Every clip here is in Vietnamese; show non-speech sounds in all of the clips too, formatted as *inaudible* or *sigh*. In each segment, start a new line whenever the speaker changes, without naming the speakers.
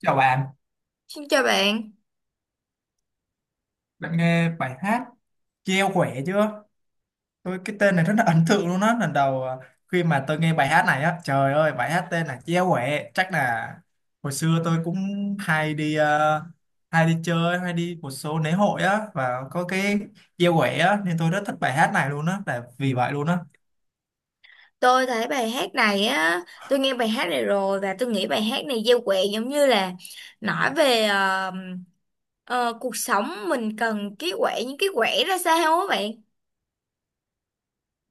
Chào bạn,
Xin chào bạn.
bạn nghe bài hát Treo khỏe chưa? Tôi cái tên này rất là *laughs* ấn tượng luôn á. Lần đầu khi mà tôi nghe bài hát này á, trời ơi bài hát tên là Treo khỏe. Chắc là hồi xưa tôi cũng hay đi hay đi chơi, hay đi một số lễ hội á và có cái Treo khỏe á nên tôi rất thích bài hát này luôn á, là vì vậy luôn á.
Tôi thấy bài hát này á, tôi nghe bài hát này rồi và tôi nghĩ bài hát này gieo quẹ giống như là nói về cuộc sống mình cần cái quẹ, những cái quẹ ra sao á bạn.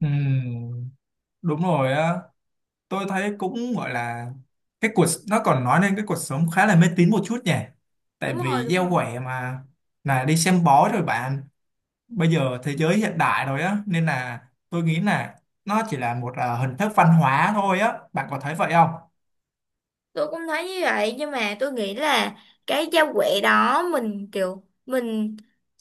Ừm, Đúng rồi á. Tôi thấy cũng gọi là cái cuộc nó còn nói lên cái cuộc sống khá là mê tín một chút nhỉ, tại
Đúng rồi,
vì
đúng
gieo
rồi.
quẻ mà là đi xem bói rồi bạn. Bây giờ thế giới hiện đại rồi á, nên là tôi nghĩ là nó chỉ là một hình thức văn hóa thôi á, bạn có thấy vậy không?
Tôi cũng thấy như vậy, nhưng mà tôi nghĩ là cái giao quẹ đó mình kiểu mình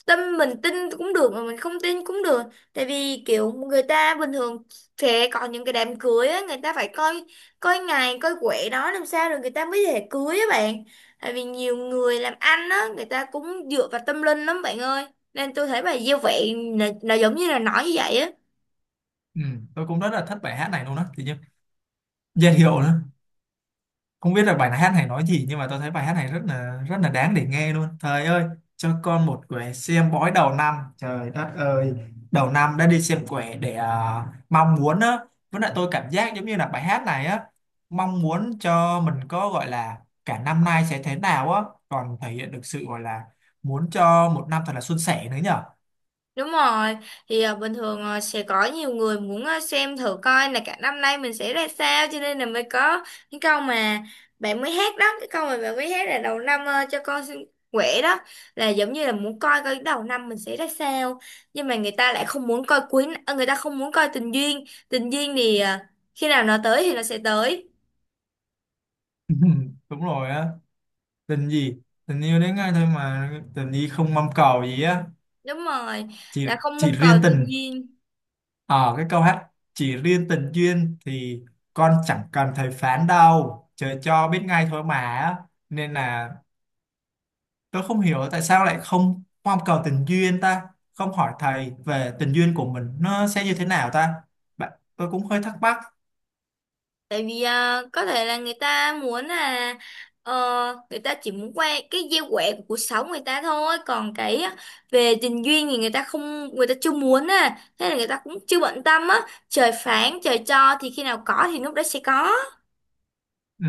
tâm, mình tin cũng được mà mình không tin cũng được. Tại vì kiểu người ta bình thường sẽ còn những cái đám cưới á, người ta phải coi coi ngày, coi quẹ đó làm sao rồi người ta mới thể cưới á bạn. Tại vì nhiều người làm ăn á, người ta cũng dựa vào tâm linh lắm bạn ơi, nên tôi thấy bài giao quẹ là giống như là nói như vậy á.
Ừ, tôi cũng rất là thích bài hát này luôn á, thì như dễ hiểu nữa, không biết là bài hát này nói gì nhưng mà tôi thấy bài hát này rất là đáng để nghe luôn. Trời ơi, cho con một quẻ xem bói đầu năm, trời đất ơi, đầu năm đã đi xem quẻ để mong muốn á. Với lại tôi cảm giác giống như là bài hát này á mong muốn cho mình có gọi là cả năm nay sẽ thế nào á, còn thể hiện được sự gọi là muốn cho một năm thật là suôn sẻ nữa nhở.
Đúng rồi, thì bình thường sẽ có nhiều người muốn xem thử coi là cả năm nay mình sẽ ra sao, cho nên là mới có cái câu mà bạn mới hát đó, cái câu mà bạn mới hát là đầu năm à, cho con xin quẻ đó, là giống như là muốn coi coi đầu năm mình sẽ ra sao. Nhưng mà người ta lại không muốn coi quý à, người ta không muốn coi tình duyên. Tình duyên thì khi nào nó tới thì nó sẽ tới.
*laughs* Đúng rồi á, tình gì, tình yêu đến ngay thôi mà, tình gì không mong cầu gì á.
Đúng rồi,
chỉ
là không
chỉ
mong cầu
riêng
tình
tình.
duyên.
Ờ, cái câu hát chỉ riêng tình duyên thì con chẳng cần thầy phán đâu, trời cho biết ngay thôi mà á. Nên là tôi không hiểu tại sao lại không mong cầu tình duyên ta, không hỏi thầy về tình duyên của mình nó sẽ như thế nào ta. Bạn, tôi cũng hơi thắc mắc.
Tại vì có thể là người ta muốn là ờ, người ta chỉ muốn quay cái gieo quẻ của cuộc sống người ta thôi, còn cái về tình duyên thì người ta chưa muốn à, thế là người ta cũng chưa bận tâm á. Trời phán trời cho, thì khi nào có thì lúc đó sẽ có.
Ừ,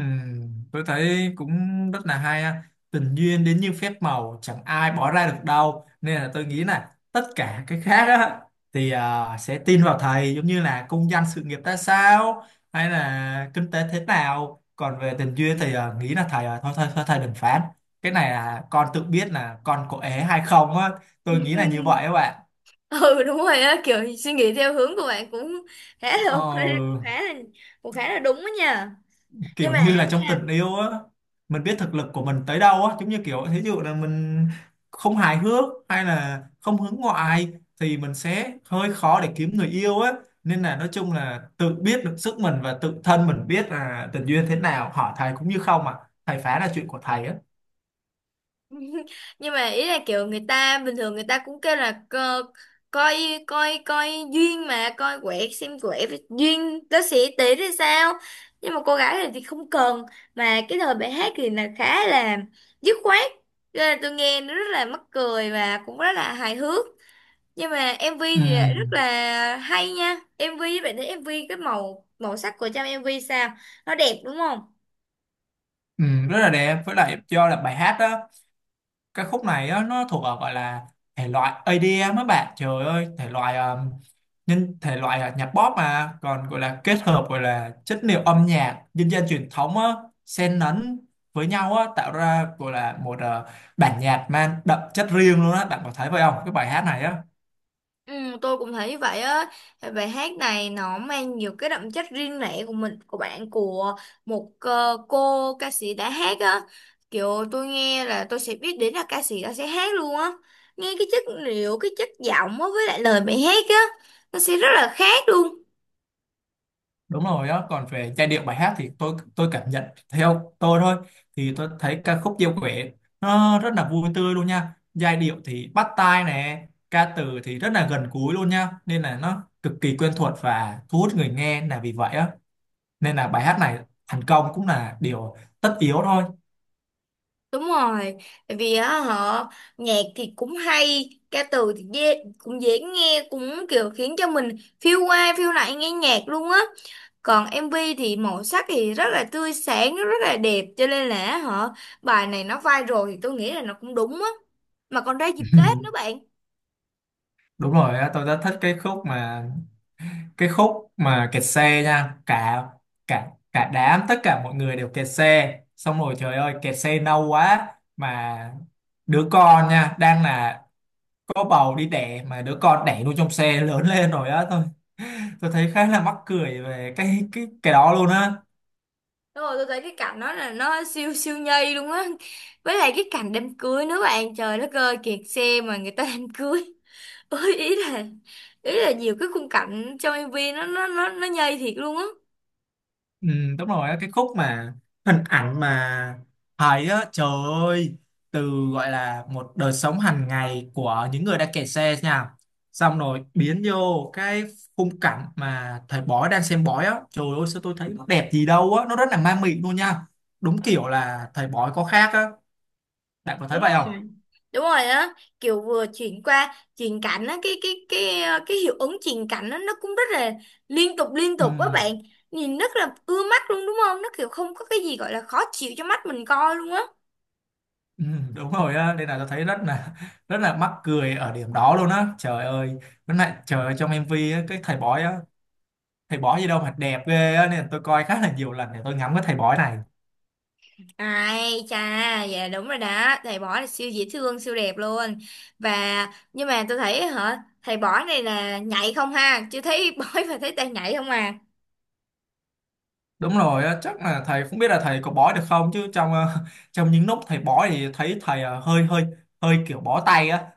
tôi thấy cũng rất là hay ha. Tình duyên đến như phép màu chẳng ai bỏ ra được đâu, nên là tôi nghĩ là tất cả cái khác á, sẽ tin vào thầy giống như là công danh sự nghiệp ra sao hay là kinh tế thế nào, còn về tình duyên thì nghĩ là thầy thôi, thôi thầy đừng phán, cái này là con tự biết là con có ế hay không á. Tôi nghĩ là như vậy các
*laughs*
bạn.
Ừ, đúng rồi á, kiểu suy nghĩ theo hướng của bạn cũng khá là ok, cũng
Ờ,
khá là, cũng khá là đúng đó nha. nhưng
kiểu
mà
như
á,
là trong tình yêu á, mình biết thực lực của mình tới đâu á, giống như kiểu thí dụ là mình không hài hước hay là không hướng ngoại thì mình sẽ hơi khó để kiếm người yêu á. Nên là nói chung là tự biết được sức mình và tự thân mình biết là tình duyên thế nào, hỏi thầy cũng như không à, thầy phá là chuyện của thầy á.
*laughs* nhưng mà ý là kiểu người ta bình thường người ta cũng kêu là co, coi coi coi duyên, mà coi quẻ xem quẻ với duyên nó sẽ tỷ thì sao. Nhưng mà cô gái này thì không cần, mà cái lời bài hát thì là khá là dứt khoát. Cho nên là tôi nghe nó rất là mắc cười và cũng rất là hài hước. Nhưng mà MV
ừ,
thì lại rất là hay nha. MV bạn thấy, MV cái màu màu sắc của trong MV sao, nó đẹp đúng không.
ừ, Rất là đẹp, với lại do là bài hát đó cái khúc này á, nó thuộc ở gọi là thể loại EDM á bạn, trời ơi thể loại nhân thể loại nhạc pop mà còn gọi là kết hợp gọi là chất liệu âm nhạc dân gian truyền thống á, xen lẫn với nhau á, tạo ra gọi là một bản nhạc mang đậm chất riêng luôn á, bạn có thấy vậy không cái bài hát này á?
Ừ, tôi cũng thấy vậy á. Bài hát này nó mang nhiều cái đậm chất riêng lẻ của mình, của bạn, của một cô ca sĩ đã hát á. Kiểu tôi nghe là tôi sẽ biết đến là ca sĩ đó sẽ hát luôn á. Nghe cái chất liệu, cái chất giọng á với lại lời bài hát á, nó sẽ rất là khác luôn.
Đúng rồi đó. Còn về giai điệu bài hát thì tôi cảm nhận theo tôi thôi, thì tôi thấy ca khúc Diêu Quẻ nó rất là vui tươi luôn nha, giai điệu thì bắt tai nè, ca từ thì rất là gần gũi luôn nha, nên là nó cực kỳ quen thuộc và thu hút người nghe là vì vậy á. Nên là bài hát này thành công cũng là điều tất yếu thôi.
Đúng rồi, tại vì á họ nhạc thì cũng hay, ca từ thì dễ, cũng dễ nghe, cũng kiểu khiến cho mình phiêu qua phiêu lại nghe nhạc luôn á. Còn MV thì màu sắc thì rất là tươi sáng, rất là đẹp, cho nên là họ bài này nó viral thì tôi nghĩ là nó cũng đúng á. Mà còn ra dịp Tết nữa
*laughs*
bạn.
Đúng rồi á, tôi rất thích cái khúc mà kẹt xe nha, cả cả cả đám, tất cả mọi người đều kẹt xe xong rồi, trời ơi kẹt xe lâu quá mà đứa con nha đang là có bầu đi đẻ mà đứa con đẻ luôn trong xe lớn lên rồi á, thôi tôi thấy khá là mắc cười về cái đó luôn á.
Đúng rồi, tôi thấy cái cảnh đó là nó siêu siêu nhây luôn á. Với lại cái cảnh đám cưới nữa bạn, trời đất ơi, kẹt xe mà người ta đám cưới. Ôi, ý là nhiều cái khung cảnh trong MV nó nhây thiệt luôn á.
Ừ, đúng rồi á, cái khúc mà hình ảnh mà thấy á, trời ơi, từ gọi là một đời sống hàng ngày của những người đang kẹt xe nha, xong rồi biến vô cái khung cảnh mà thầy bói đang xem bói á, trời ơi sao tôi thấy nó đẹp gì đâu á, nó rất là ma mị luôn nha, đúng kiểu là thầy bói có khác á, bạn có thấy
Đúng
vậy không?
rồi, đúng rồi á, kiểu vừa chuyển qua chuyển cảnh á, cái hiệu ứng chuyển cảnh á nó cũng rất là liên tục liên
ừ,
tục á bạn. Nhìn rất là ưa mắt luôn đúng không, nó kiểu không có cái gì gọi là khó chịu cho mắt mình coi luôn á.
ừ, Đúng rồi á, nên là tôi thấy rất là mắc cười ở điểm đó luôn á. Trời ơi, với lại trời ơi trong MV á, cái thầy bói á, thầy bói gì đâu mà đẹp ghê á, nên tôi coi khá là nhiều lần để tôi ngắm cái thầy bói này.
Ai chà, dạ đúng rồi đó, thầy bỏ là siêu dễ thương, siêu đẹp luôn. Và nhưng mà tôi thấy hả, thầy bỏ này là nhảy không ha, chưa thấy *laughs* bói và thấy tay nhảy không à.
Đúng rồi á, chắc là thầy không biết là thầy có bói được không chứ trong *laughs* trong những lúc thầy bói thì thấy thầy hơi hơi hơi kiểu bó tay á.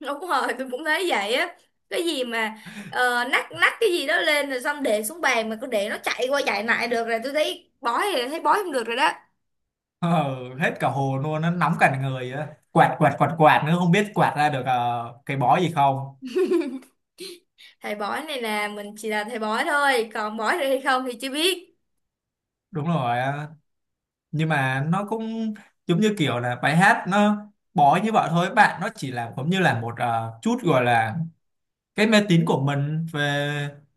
Đúng rồi, tôi cũng thấy vậy á. Cái gì mà nắt nắt cái gì đó lên rồi xong để xuống bàn mà cứ để nó chạy qua chạy lại được, rồi tôi thấy bói thì thấy bói không được rồi đó.
Ờ, hết cả hồn luôn, nó nóng cả người á, quạt quạt quạt quạt nữa không biết quạt ra được cái bói gì không.
Thầy bói này là mình chỉ là thầy bói thôi, còn bói được hay không thì chưa biết.
Đúng rồi á. Nhưng mà nó cũng giống như kiểu là bài hát nó bói như vậy thôi bạn, nó chỉ là giống như là một chút gọi là cái mê tín của mình về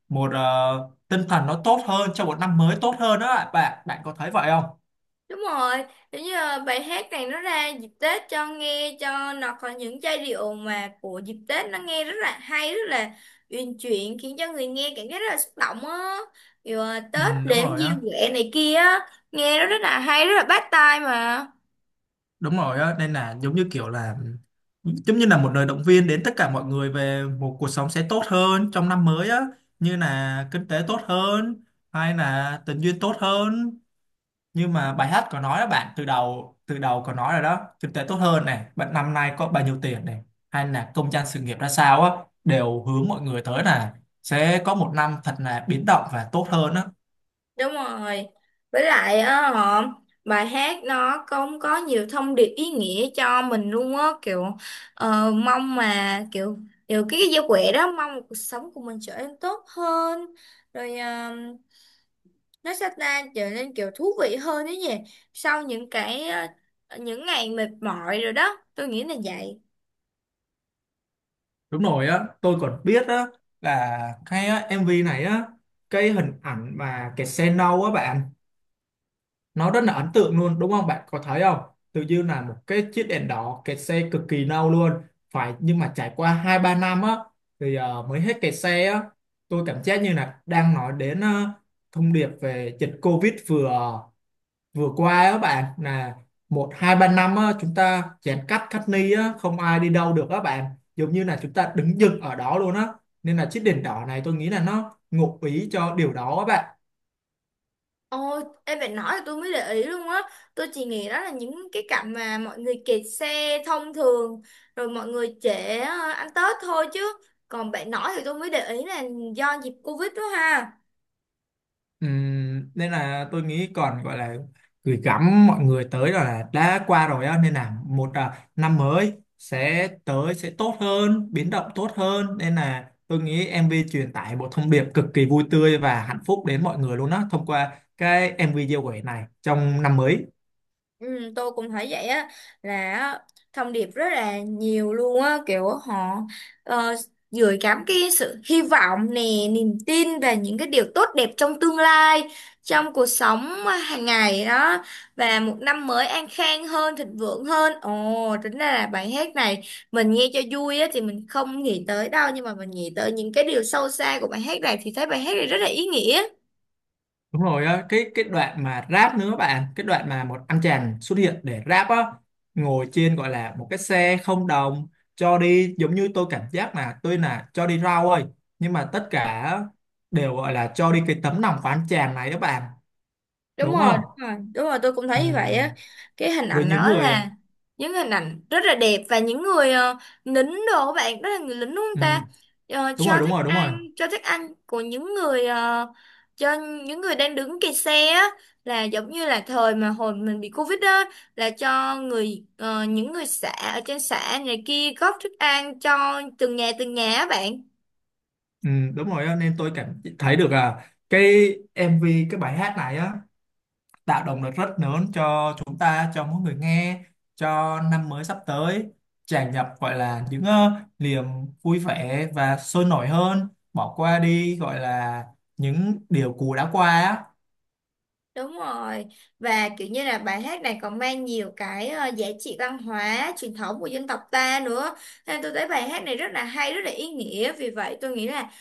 một tinh thần nó tốt hơn cho một năm mới tốt hơn đó ạ bạn, bạn có thấy vậy không?
Đúng rồi, giống như bài hát này nó ra dịp Tết cho nghe, cho nó có những giai điệu mà của dịp Tết nó nghe rất là hay, rất là uyển chuyển, khiến cho người nghe cảm giác rất là xúc động á. Kiểu ờ,
Ừ,
Tết
đúng
đếm
rồi á
diêu quẻ này kia á, nghe nó rất là hay, rất là bắt tai mà.
đúng rồi á, nên là giống như kiểu là giống như là một lời động viên đến tất cả mọi người về một cuộc sống sẽ tốt hơn trong năm mới á, như là kinh tế tốt hơn hay là tình duyên tốt hơn. Nhưng mà bài hát có nói đó bạn, từ đầu có nói rồi đó, kinh tế tốt hơn này bạn, năm nay có bao nhiêu tiền này, hay là công danh sự nghiệp ra sao á, đều hướng mọi người tới là sẽ có một năm thật là biến động và tốt hơn á.
Đúng rồi. Với lại á họ bài hát nó cũng có nhiều thông điệp ý nghĩa cho mình luôn á, kiểu mong mà kiểu kiểu cái giao quẹ đó mong cuộc sống của mình trở nên tốt hơn, rồi nó sẽ ta trở nên kiểu thú vị hơn đấy nhỉ, sau những cái những ngày mệt mỏi rồi đó, tôi nghĩ là vậy.
Đúng rồi á, tôi còn biết á là MV này á, cái hình ảnh mà cái xe nâu á bạn, nó rất là ấn tượng luôn đúng không, bạn có thấy không? Tự dưng là một cái chiếc đèn đỏ kẹt xe cực kỳ lâu luôn phải, nhưng mà trải qua hai ba năm á thì mới hết kẹt xe á. Tôi cảm giác như là đang nói đến thông điệp về dịch Covid vừa vừa qua á bạn, là một hai ba năm á chúng ta giãn cách cách ly á, không ai đi đâu được á bạn, giống như là chúng ta đứng dừng ở đó luôn á, nên là chiếc đèn đỏ này tôi nghĩ là nó ngụ ý cho điều đó á bạn.
Ồ, em phải nói là tôi mới để ý luôn á. Tôi chỉ nghĩ đó là những cái cảnh mà mọi người kẹt xe thông thường, rồi mọi người trễ ăn Tết thôi chứ. Còn bạn nói thì tôi mới để ý là do dịp Covid đó ha.
Nên là tôi nghĩ còn gọi là gửi gắm mọi người tới là đã qua rồi á, nên là một năm mới sẽ tới sẽ tốt hơn biến động tốt hơn, nên là tôi nghĩ MV truyền tải một thông điệp cực kỳ vui tươi và hạnh phúc đến mọi người luôn á thông qua cái MV giao quẻ này trong năm mới.
Ừ, tôi cũng thấy vậy á, là á, thông điệp rất là nhiều luôn á kiểu họ uh, gửi gắm cái sự hy vọng nè, niềm tin về những cái điều tốt đẹp trong tương lai, trong cuộc sống hàng ngày đó, và một năm mới an khang hơn, thịnh vượng hơn. Ồ, tính ra là bài hát này mình nghe cho vui á thì mình không nghĩ tới đâu, nhưng mà mình nghĩ tới những cái điều sâu xa của bài hát này thì thấy bài hát này rất là ý nghĩa.
Đúng rồi á, cái đoạn mà rap nữa bạn, cái đoạn mà một anh chàng xuất hiện để rap á, ngồi trên gọi là một cái xe không đồng, cho đi giống như tôi cảm giác là tôi là cho đi rau ơi, nhưng mà tất cả đều gọi là cho đi cái tấm lòng của anh chàng này đó bạn,
đúng
đúng
rồi
không?
đúng rồi đúng rồi tôi cũng thấy như vậy á.
Ừm,
Cái hình
với
ảnh
những
đó
người
là những hình ảnh rất là đẹp, và những người lính đồ các bạn đó là người lính đúng không ta.
ừm,
Ờ,
đúng rồi
cho
đúng
thức
rồi đúng rồi.
ăn, cho thức ăn của những người cho những người đang đứng kẹt xe á, là giống như là thời mà hồi mình bị Covid á, là cho người những người xã ở trên xã này kia góp thức ăn cho từng nhà á bạn.
Đúng rồi á, nên tôi cảm thấy được à, cái MV, cái bài hát này á tạo động lực rất lớn cho chúng ta, cho mỗi người nghe, cho năm mới sắp tới tràn ngập gọi là những niềm vui vẻ và sôi nổi hơn, bỏ qua đi gọi là những điều cũ đã qua á.
Đúng rồi, và kiểu như là bài hát này còn mang nhiều cái giá trị văn hóa truyền thống của dân tộc ta nữa, nên tôi thấy bài hát này rất là hay, rất là ý nghĩa. Vì vậy tôi nghĩ là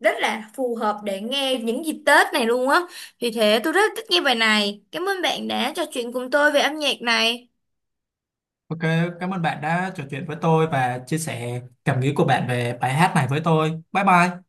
rất là phù hợp để nghe những dịp Tết này luôn á, vì thế tôi rất thích nghe bài này. Cảm ơn bạn đã trò chuyện cùng tôi về âm nhạc này.
Ok, cảm ơn bạn đã trò chuyện với tôi và chia sẻ cảm nghĩ của bạn về bài hát này với tôi. Bye bye.